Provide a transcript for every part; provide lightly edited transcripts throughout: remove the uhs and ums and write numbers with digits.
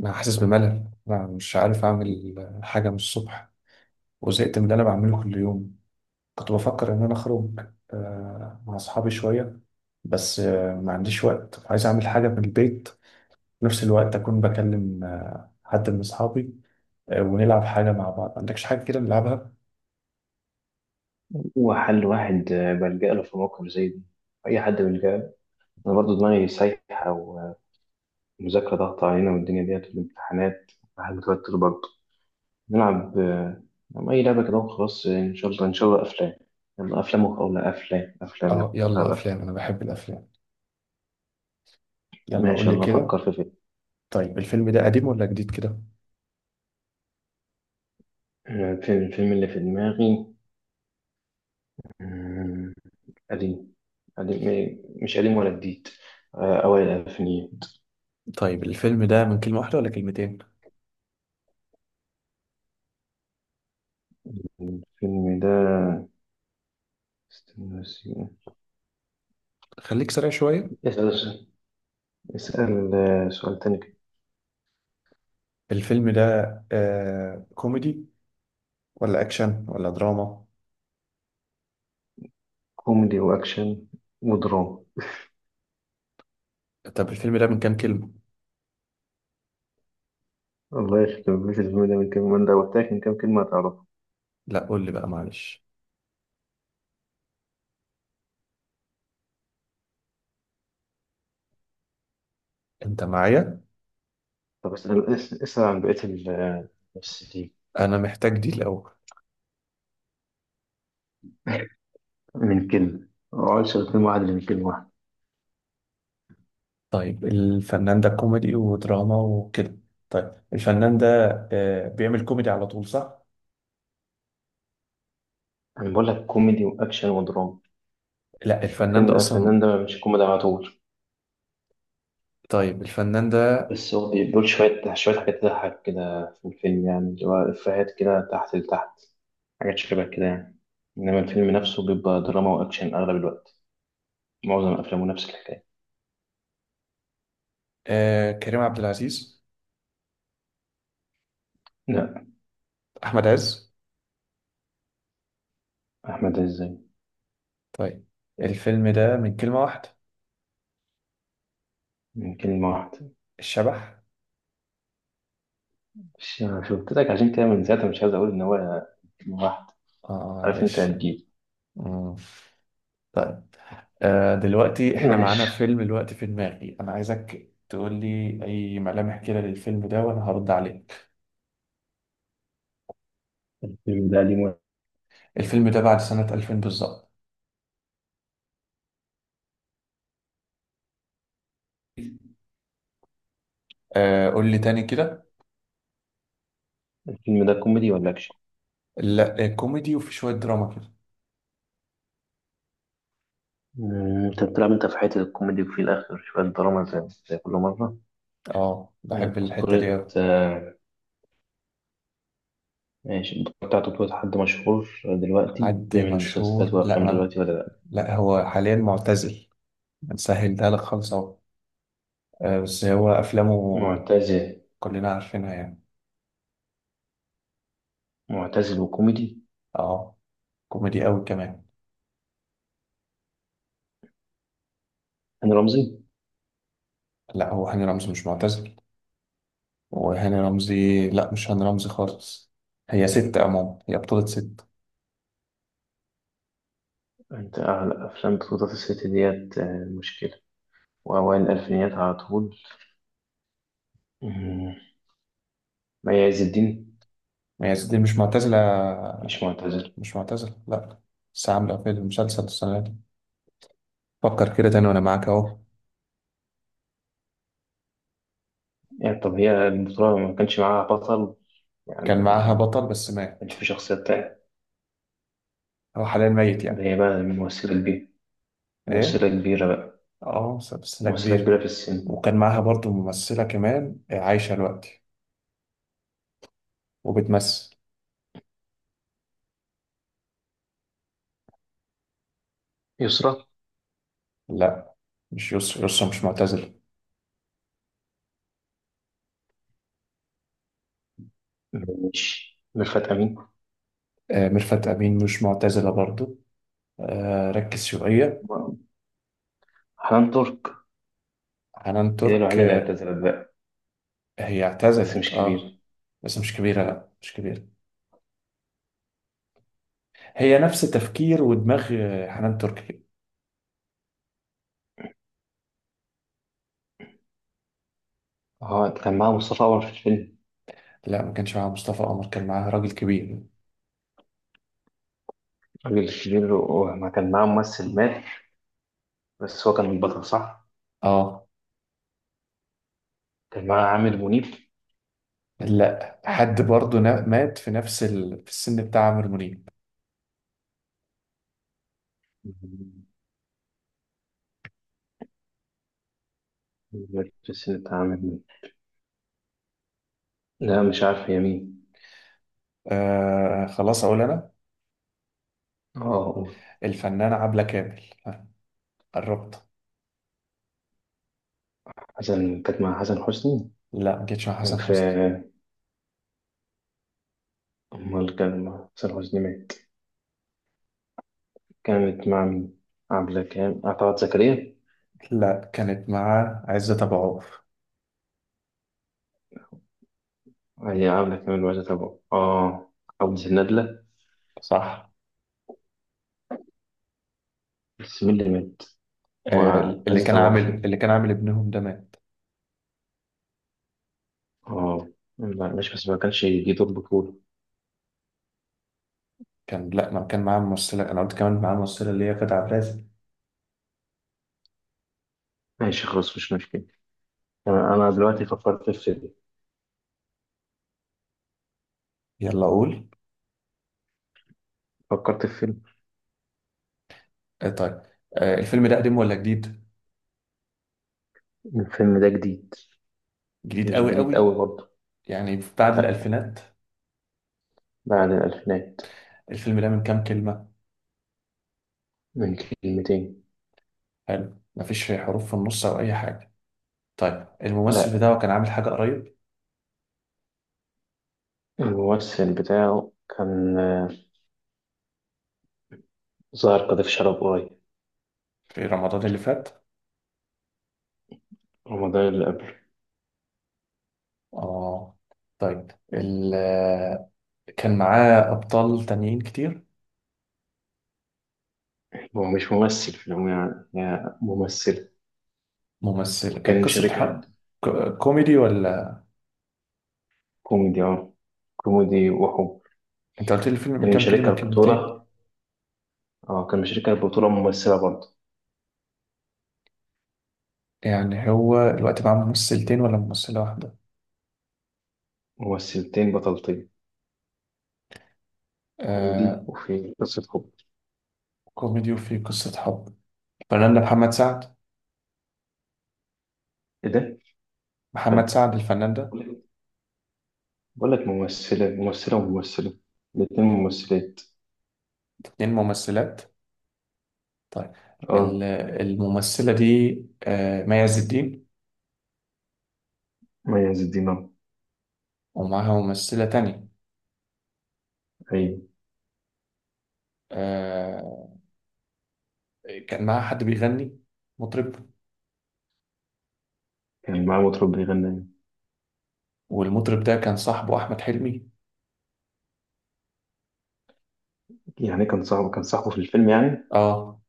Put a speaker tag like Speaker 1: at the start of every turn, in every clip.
Speaker 1: أنا حاسس بملل. أنا مش عارف أعمل حاجة من الصبح، وزهقت من اللي أنا بعمله كل يوم. كنت بفكر إن أنا أخرج مع أصحابي شوية. بس ما عنديش وقت، عايز أعمل حاجة من البيت في نفس الوقت، أكون بكلم حد من أصحابي ونلعب حاجة مع بعض. ما عندكش حاجة كده نلعبها؟
Speaker 2: هو حل واحد بلجأ له في موقف زي دي. أي حد بيلجأ له. أنا برضه دماغي سايحة، ومذاكرة ضغط علينا والدنيا ديت والامتحانات. الواحد متوتر برضه. نلعب آه، نلعب أي لعبة كده وخلاص. إن شاء الله أفلام. يلا أفلام، ولا أفلام، يلا
Speaker 1: آه،
Speaker 2: نلعب
Speaker 1: يلا
Speaker 2: أفلام.
Speaker 1: أفلام، أنا بحب الأفلام. يلا قول
Speaker 2: ماشي،
Speaker 1: لي
Speaker 2: يلا أفكر
Speaker 1: كده.
Speaker 2: في فيلم.
Speaker 1: طيب الفيلم ده قديم ولا جديد كده؟
Speaker 2: الفيلم اللي في دماغي. آه، قديم. قديم إيه، مش قديم ولا جديد. أوائل الألفينيات.
Speaker 1: طيب الفيلم ده من كلمة واحدة ولا كلمتين؟
Speaker 2: الفيلم ده، استنى.
Speaker 1: خليك سريع شوية.
Speaker 2: بس- اسأل سؤال تاني كده.
Speaker 1: الفيلم ده كوميدي ولا اكشن ولا دراما؟
Speaker 2: كوميدي وأكشن ودراما.
Speaker 1: طب الفيلم ده من كام كلمة؟
Speaker 2: الله يخرب بيت الفيلم ده، من كام من ده وتاك من كام كلمة هتعرفها.
Speaker 1: لا قول لي بقى معلش، انت معايا.
Speaker 2: طب اسأل، اسأل عن بقية الممثلين.
Speaker 1: انا محتاج دي الاول.
Speaker 2: من كلمة، ما اقعدش غير كلمة واحدة، من كلمة واحدة.
Speaker 1: طيب الفنان ده كوميدي ودراما وكده؟ طيب الفنان ده بيعمل كوميدي على طول، صح؟
Speaker 2: أنا بقول لك كوميدي وأكشن ودراما.
Speaker 1: لا، الفنان ده اصلا.
Speaker 2: الفنان ده مش كوميدي على طول.
Speaker 1: طيب الفنان ده.
Speaker 2: بس هو بيقول شوية شوية حاجات تضحك كده في الفيلم، يعني اللي هو إفيهات كده تحت لتحت، حاجات شبه كده يعني. إنما الفيلم نفسه بيبقى دراما وأكشن أغلب الوقت. معظم أفلامه نفس الحكاية.
Speaker 1: كريم عبد العزيز؟
Speaker 2: لا.
Speaker 1: احمد عز.
Speaker 2: أحمد عز.
Speaker 1: طيب، الفيلم ده من كلمة واحدة؟
Speaker 2: من كلمة واحدة.
Speaker 1: الشبح.
Speaker 2: مش قلت لك عشان كده من ساعتها مش عايز أقول إن هو كلمة واحدة.
Speaker 1: اه،
Speaker 2: عارف إن أنت
Speaker 1: معلش.
Speaker 2: هتجيب.
Speaker 1: مم. طيب. دلوقتي احنا معانا
Speaker 2: ماشي.
Speaker 1: فيلم دلوقتي في دماغي، انا عايزك تقول لي اي ملامح كده للفيلم ده وانا هرد عليك.
Speaker 2: الفيلم ده قديم ولا؟
Speaker 1: الفيلم ده بعد سنة 2000 بالظبط. قول لي تاني كده.
Speaker 2: الفيلم ده كوميدي ولا أكشن؟
Speaker 1: لا، كوميدي وفي شوية دراما كده.
Speaker 2: انت بتلعب انت في حته الكوميدي وفي الاخر شويه دراما، زي كل مره.
Speaker 1: اه، بحب الحتة دي
Speaker 2: بطولة،
Speaker 1: أوي.
Speaker 2: ماشي. البطولة بتاعته بطولة حد مشهور دلوقتي
Speaker 1: حد
Speaker 2: بيعمل مسلسلات
Speaker 1: مشهور؟ لا،
Speaker 2: وأفلام
Speaker 1: ما...
Speaker 2: دلوقتي ولا لأ؟
Speaker 1: لا هو حاليا معتزل. هنسهل ده لك خالص اهو. بس هو افلامه
Speaker 2: معتزل.
Speaker 1: كلنا عارفينها يعني.
Speaker 2: معتزل وكوميدي.
Speaker 1: اه، كوميدي قوي كمان.
Speaker 2: هاني رمزي.
Speaker 1: لا، هو هاني رمزي مش معتزل. وهاني رمزي، لا مش هاني رمزي خالص. هي ست عموما، هي بطولة ست.
Speaker 2: أنت أعلى أفلام بطولة الست ديت مشكلة، وأوائل الألفينيات على طول. مم. ما عز الدين.
Speaker 1: هي ست دي مش معتزلة.
Speaker 2: مش معتزل.
Speaker 1: مش معتزلة لا. بس عاملة في المسلسل السنة دي. فكر كده تاني وأنا معاك أهو.
Speaker 2: يعني طب هي البطولة ما كانش معاها بطل، يعني
Speaker 1: كان معاها بطل
Speaker 2: ما
Speaker 1: بس مات.
Speaker 2: كانش في شخصية تانية.
Speaker 1: هو حاليا ميت
Speaker 2: ده
Speaker 1: يعني.
Speaker 2: هي بقى ممثلة كبيرة. ممثلة
Speaker 1: إيه؟
Speaker 2: كبيرة بقى.
Speaker 1: أه، سلسلة
Speaker 2: ممثلة
Speaker 1: كبيرة.
Speaker 2: كبيرة في السن.
Speaker 1: وكان معاها برضو ممثلة كمان عايشة دلوقتي وبتمثل.
Speaker 2: يسرا.
Speaker 1: لا، مش يسرا، يسرا مش معتزلة.
Speaker 2: مش ميرفت أمين.
Speaker 1: ميرفت أمين مش معتزلة برضو. ركز شوية.
Speaker 2: حنان ترك.
Speaker 1: حنان
Speaker 2: هي دي
Speaker 1: ترك،
Speaker 2: الوحيدة اللي
Speaker 1: آه،
Speaker 2: اعتزلت بقى.
Speaker 1: هي
Speaker 2: بس
Speaker 1: اعتزلت
Speaker 2: مش
Speaker 1: اه.
Speaker 2: كبيرة.
Speaker 1: بس مش كبيرة، لا مش كبيرة. هي نفس تفكير ودماغ حنان تركي كده.
Speaker 2: اه، كان معاها مصطفى عمر في الفيلم.
Speaker 1: لا ما كانش معاها مصطفى قمر، كان معاها راجل كبير.
Speaker 2: الراجل الكبير، وما كان معاه ممثل مات. بس هو كان البطل، صح؟
Speaker 1: اه.
Speaker 2: كان معاه عامر منيب.
Speaker 1: لا، حد برضه مات في نفس في السن بتاع عمرو منيب.
Speaker 2: مات في السن بتاع عامر منيب. لا، مش عارف هي مين.
Speaker 1: خلاص اقول انا.
Speaker 2: اه.
Speaker 1: الفنانة عبلة كامل. آه، قربت.
Speaker 2: كانت مع حسن حسني.
Speaker 1: لا ما كانتش مع
Speaker 2: كان
Speaker 1: حسن
Speaker 2: في
Speaker 1: حسني.
Speaker 2: امال كان مع حسن حسني، مات. كانت مع مين؟ عبلة كان طلعت زكريا.
Speaker 1: لا، كانت مع عزت ابو عوف.
Speaker 2: هي عبلة كامل وعزت أبو عبد الندلة.
Speaker 1: صح.
Speaker 2: بس مين اللي مات
Speaker 1: اللي
Speaker 2: وعزت
Speaker 1: كان
Speaker 2: أبو عوف؟
Speaker 1: عامل اللي كان عامل ابنهم ده مات.
Speaker 2: اه. لا، مش بس ما كانش يجي دور بطولة.
Speaker 1: لا، ما كان معاه ممثلة، انا قلت كمان معاه ممثلة اللي هي كانت عبد الرازق.
Speaker 2: ماشي خلاص، مش مشكلة. تمام، أنا دلوقتي فكرت في فيلم.
Speaker 1: يلا قول.
Speaker 2: فكرت في فيلم.
Speaker 1: طيب. الفيلم ده قديم ولا جديد؟
Speaker 2: الفيلم ده جديد.
Speaker 1: جديد
Speaker 2: مش
Speaker 1: قوي
Speaker 2: جديد أوي
Speaker 1: قوي.
Speaker 2: برضه.
Speaker 1: يعني بعد
Speaker 2: لا.
Speaker 1: الألفينات.
Speaker 2: بعد الألفينات.
Speaker 1: الفيلم ده من كام كلمة؟
Speaker 2: من كلمتين.
Speaker 1: حلو، مفيش حروف في النص أو أي حاجة. طيب الممثل
Speaker 2: لا.
Speaker 1: بتاعه كان عامل حاجة قريب؟
Speaker 2: الممثل بتاعه كان ظاهر قذف شرب قريب.
Speaker 1: في رمضان اللي فات؟
Speaker 2: رمضان اللي قبله.
Speaker 1: آه. طيب ال... آه، كان معاه أبطال تانيين كتير؟
Speaker 2: هو مش ممثل في العموم، يعني هي ممثلة.
Speaker 1: ممثل،
Speaker 2: كان
Speaker 1: كانت قصة
Speaker 2: مشاركها.
Speaker 1: حب؟ كوميدي ولا؟
Speaker 2: كوميدي، اه. كوميدي وحب.
Speaker 1: أنت قلت لي الفيلم من
Speaker 2: كان
Speaker 1: كام كلمة،
Speaker 2: مشاركها
Speaker 1: كلمتين؟
Speaker 2: البطولة. اه، كان مشاركها البطولة ممثلة برضه.
Speaker 1: يعني هو الوقت معاه ممثلتين ولا ممثلة واحدة؟
Speaker 2: ممثلتين بطلتين. كوميدي
Speaker 1: آه...
Speaker 2: وفي قصة حب.
Speaker 1: كوميدي وفيه قصة حب. فنان محمد سعد.
Speaker 2: ايه ده؟
Speaker 1: محمد
Speaker 2: فن
Speaker 1: سعد الفنان ده.
Speaker 2: بقول لك. ممثلة وممثلة. الاتنين ممثلات.
Speaker 1: اتنين ممثلات. طيب ال-
Speaker 2: اه.
Speaker 1: الممثلة دي مي عز الدين.
Speaker 2: مي عز الدين أهو.
Speaker 1: ومعاها ممثلة تانية.
Speaker 2: ايوه.
Speaker 1: آه، كان معاها حد بيغني، مطرب.
Speaker 2: كان معاه مطرب بيغني.
Speaker 1: والمطرب ده كان صاحبه أحمد حلمي.
Speaker 2: يعني كان صاحبه في الفيلم يعني.
Speaker 1: اه.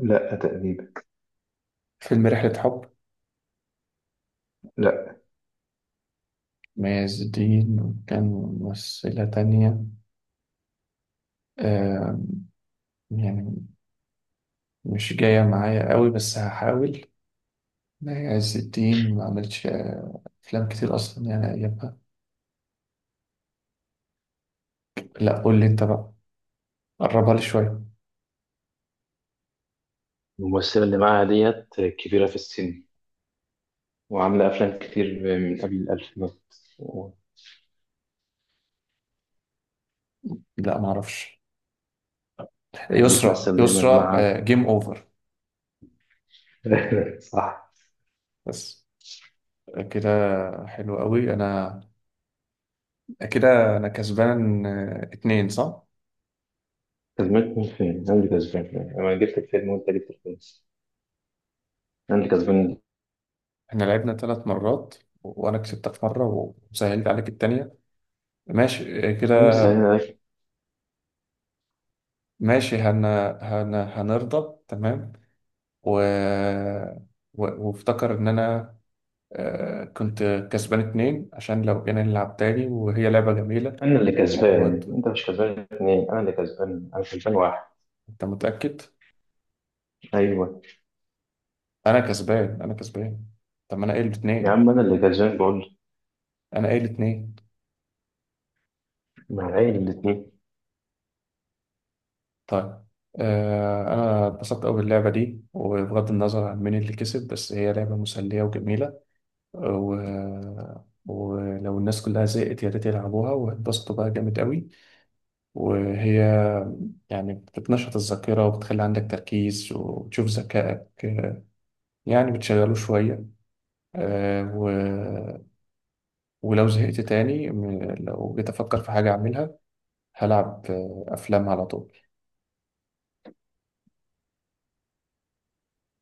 Speaker 2: لا، تقريبا.
Speaker 1: فيلم رحلة حب.
Speaker 2: لا.
Speaker 1: مي عز الدين وكان ممثلة تانية. آه، يعني مش جاية معايا قوي بس هحاول. مي عز الدين ما عملتش أفلام كتير أصلا يعني أيامها. لا قول لي أنت بقى، قربها لي شوية.
Speaker 2: الممثلة اللي معاها ديت كبيرة في السن، وعاملة أفلام كتير من قبل الألفينات، وكانت
Speaker 1: لا ما اعرفش. يسرا،
Speaker 2: بتمثل دايما
Speaker 1: يسرا،
Speaker 2: مع
Speaker 1: جيم اوفر.
Speaker 2: صح.
Speaker 1: بس كده. حلو قوي. انا كده انا كسبان اتنين، صح.
Speaker 2: كسبان مين فين؟ أنا اللي كسبان. أنا جبت الفيلم وأنت جبت الفيلم. أنا اللي كسبان.
Speaker 1: احنا لعبنا 3 مرات، وانا كسبتك مره وسهلت عليك التانية. ماشي كده.
Speaker 2: مين اللي ساعدني ده؟
Speaker 1: ماشي، هنرضى تمام. و... وافتكر ان انا كنت كسبان اتنين، عشان لو جينا نلعب تاني وهي لعبة جميلة.
Speaker 2: أنا اللي
Speaker 1: وانت
Speaker 2: كسبان. أنت مش كسبان اتنين، أنا اللي كسبان، أنا كسبان واحد.
Speaker 1: متأكد؟
Speaker 2: أيوه.
Speaker 1: انا كسبان، انا كسبان. طب ما انا قايل
Speaker 2: يا
Speaker 1: اتنين.
Speaker 2: عم، أنا اللي كسبان بقول.
Speaker 1: انا قايل اتنين.
Speaker 2: مع العيل الاتنين.
Speaker 1: طيب. انا اتبسطت قوي باللعبه دي، وبغض النظر عن مين اللي كسب بس هي لعبه مسليه وجميله. و... ولو الناس كلها زهقت يا ريت يلعبوها واتبسطوا بقى جامد قوي. وهي يعني بتنشط الذاكره وبتخلي عندك تركيز وبتشوف ذكائك، يعني بتشغله شويه. آه و... ولو زهقت تاني لو جيت افكر في حاجه اعملها، هلعب افلام على طول.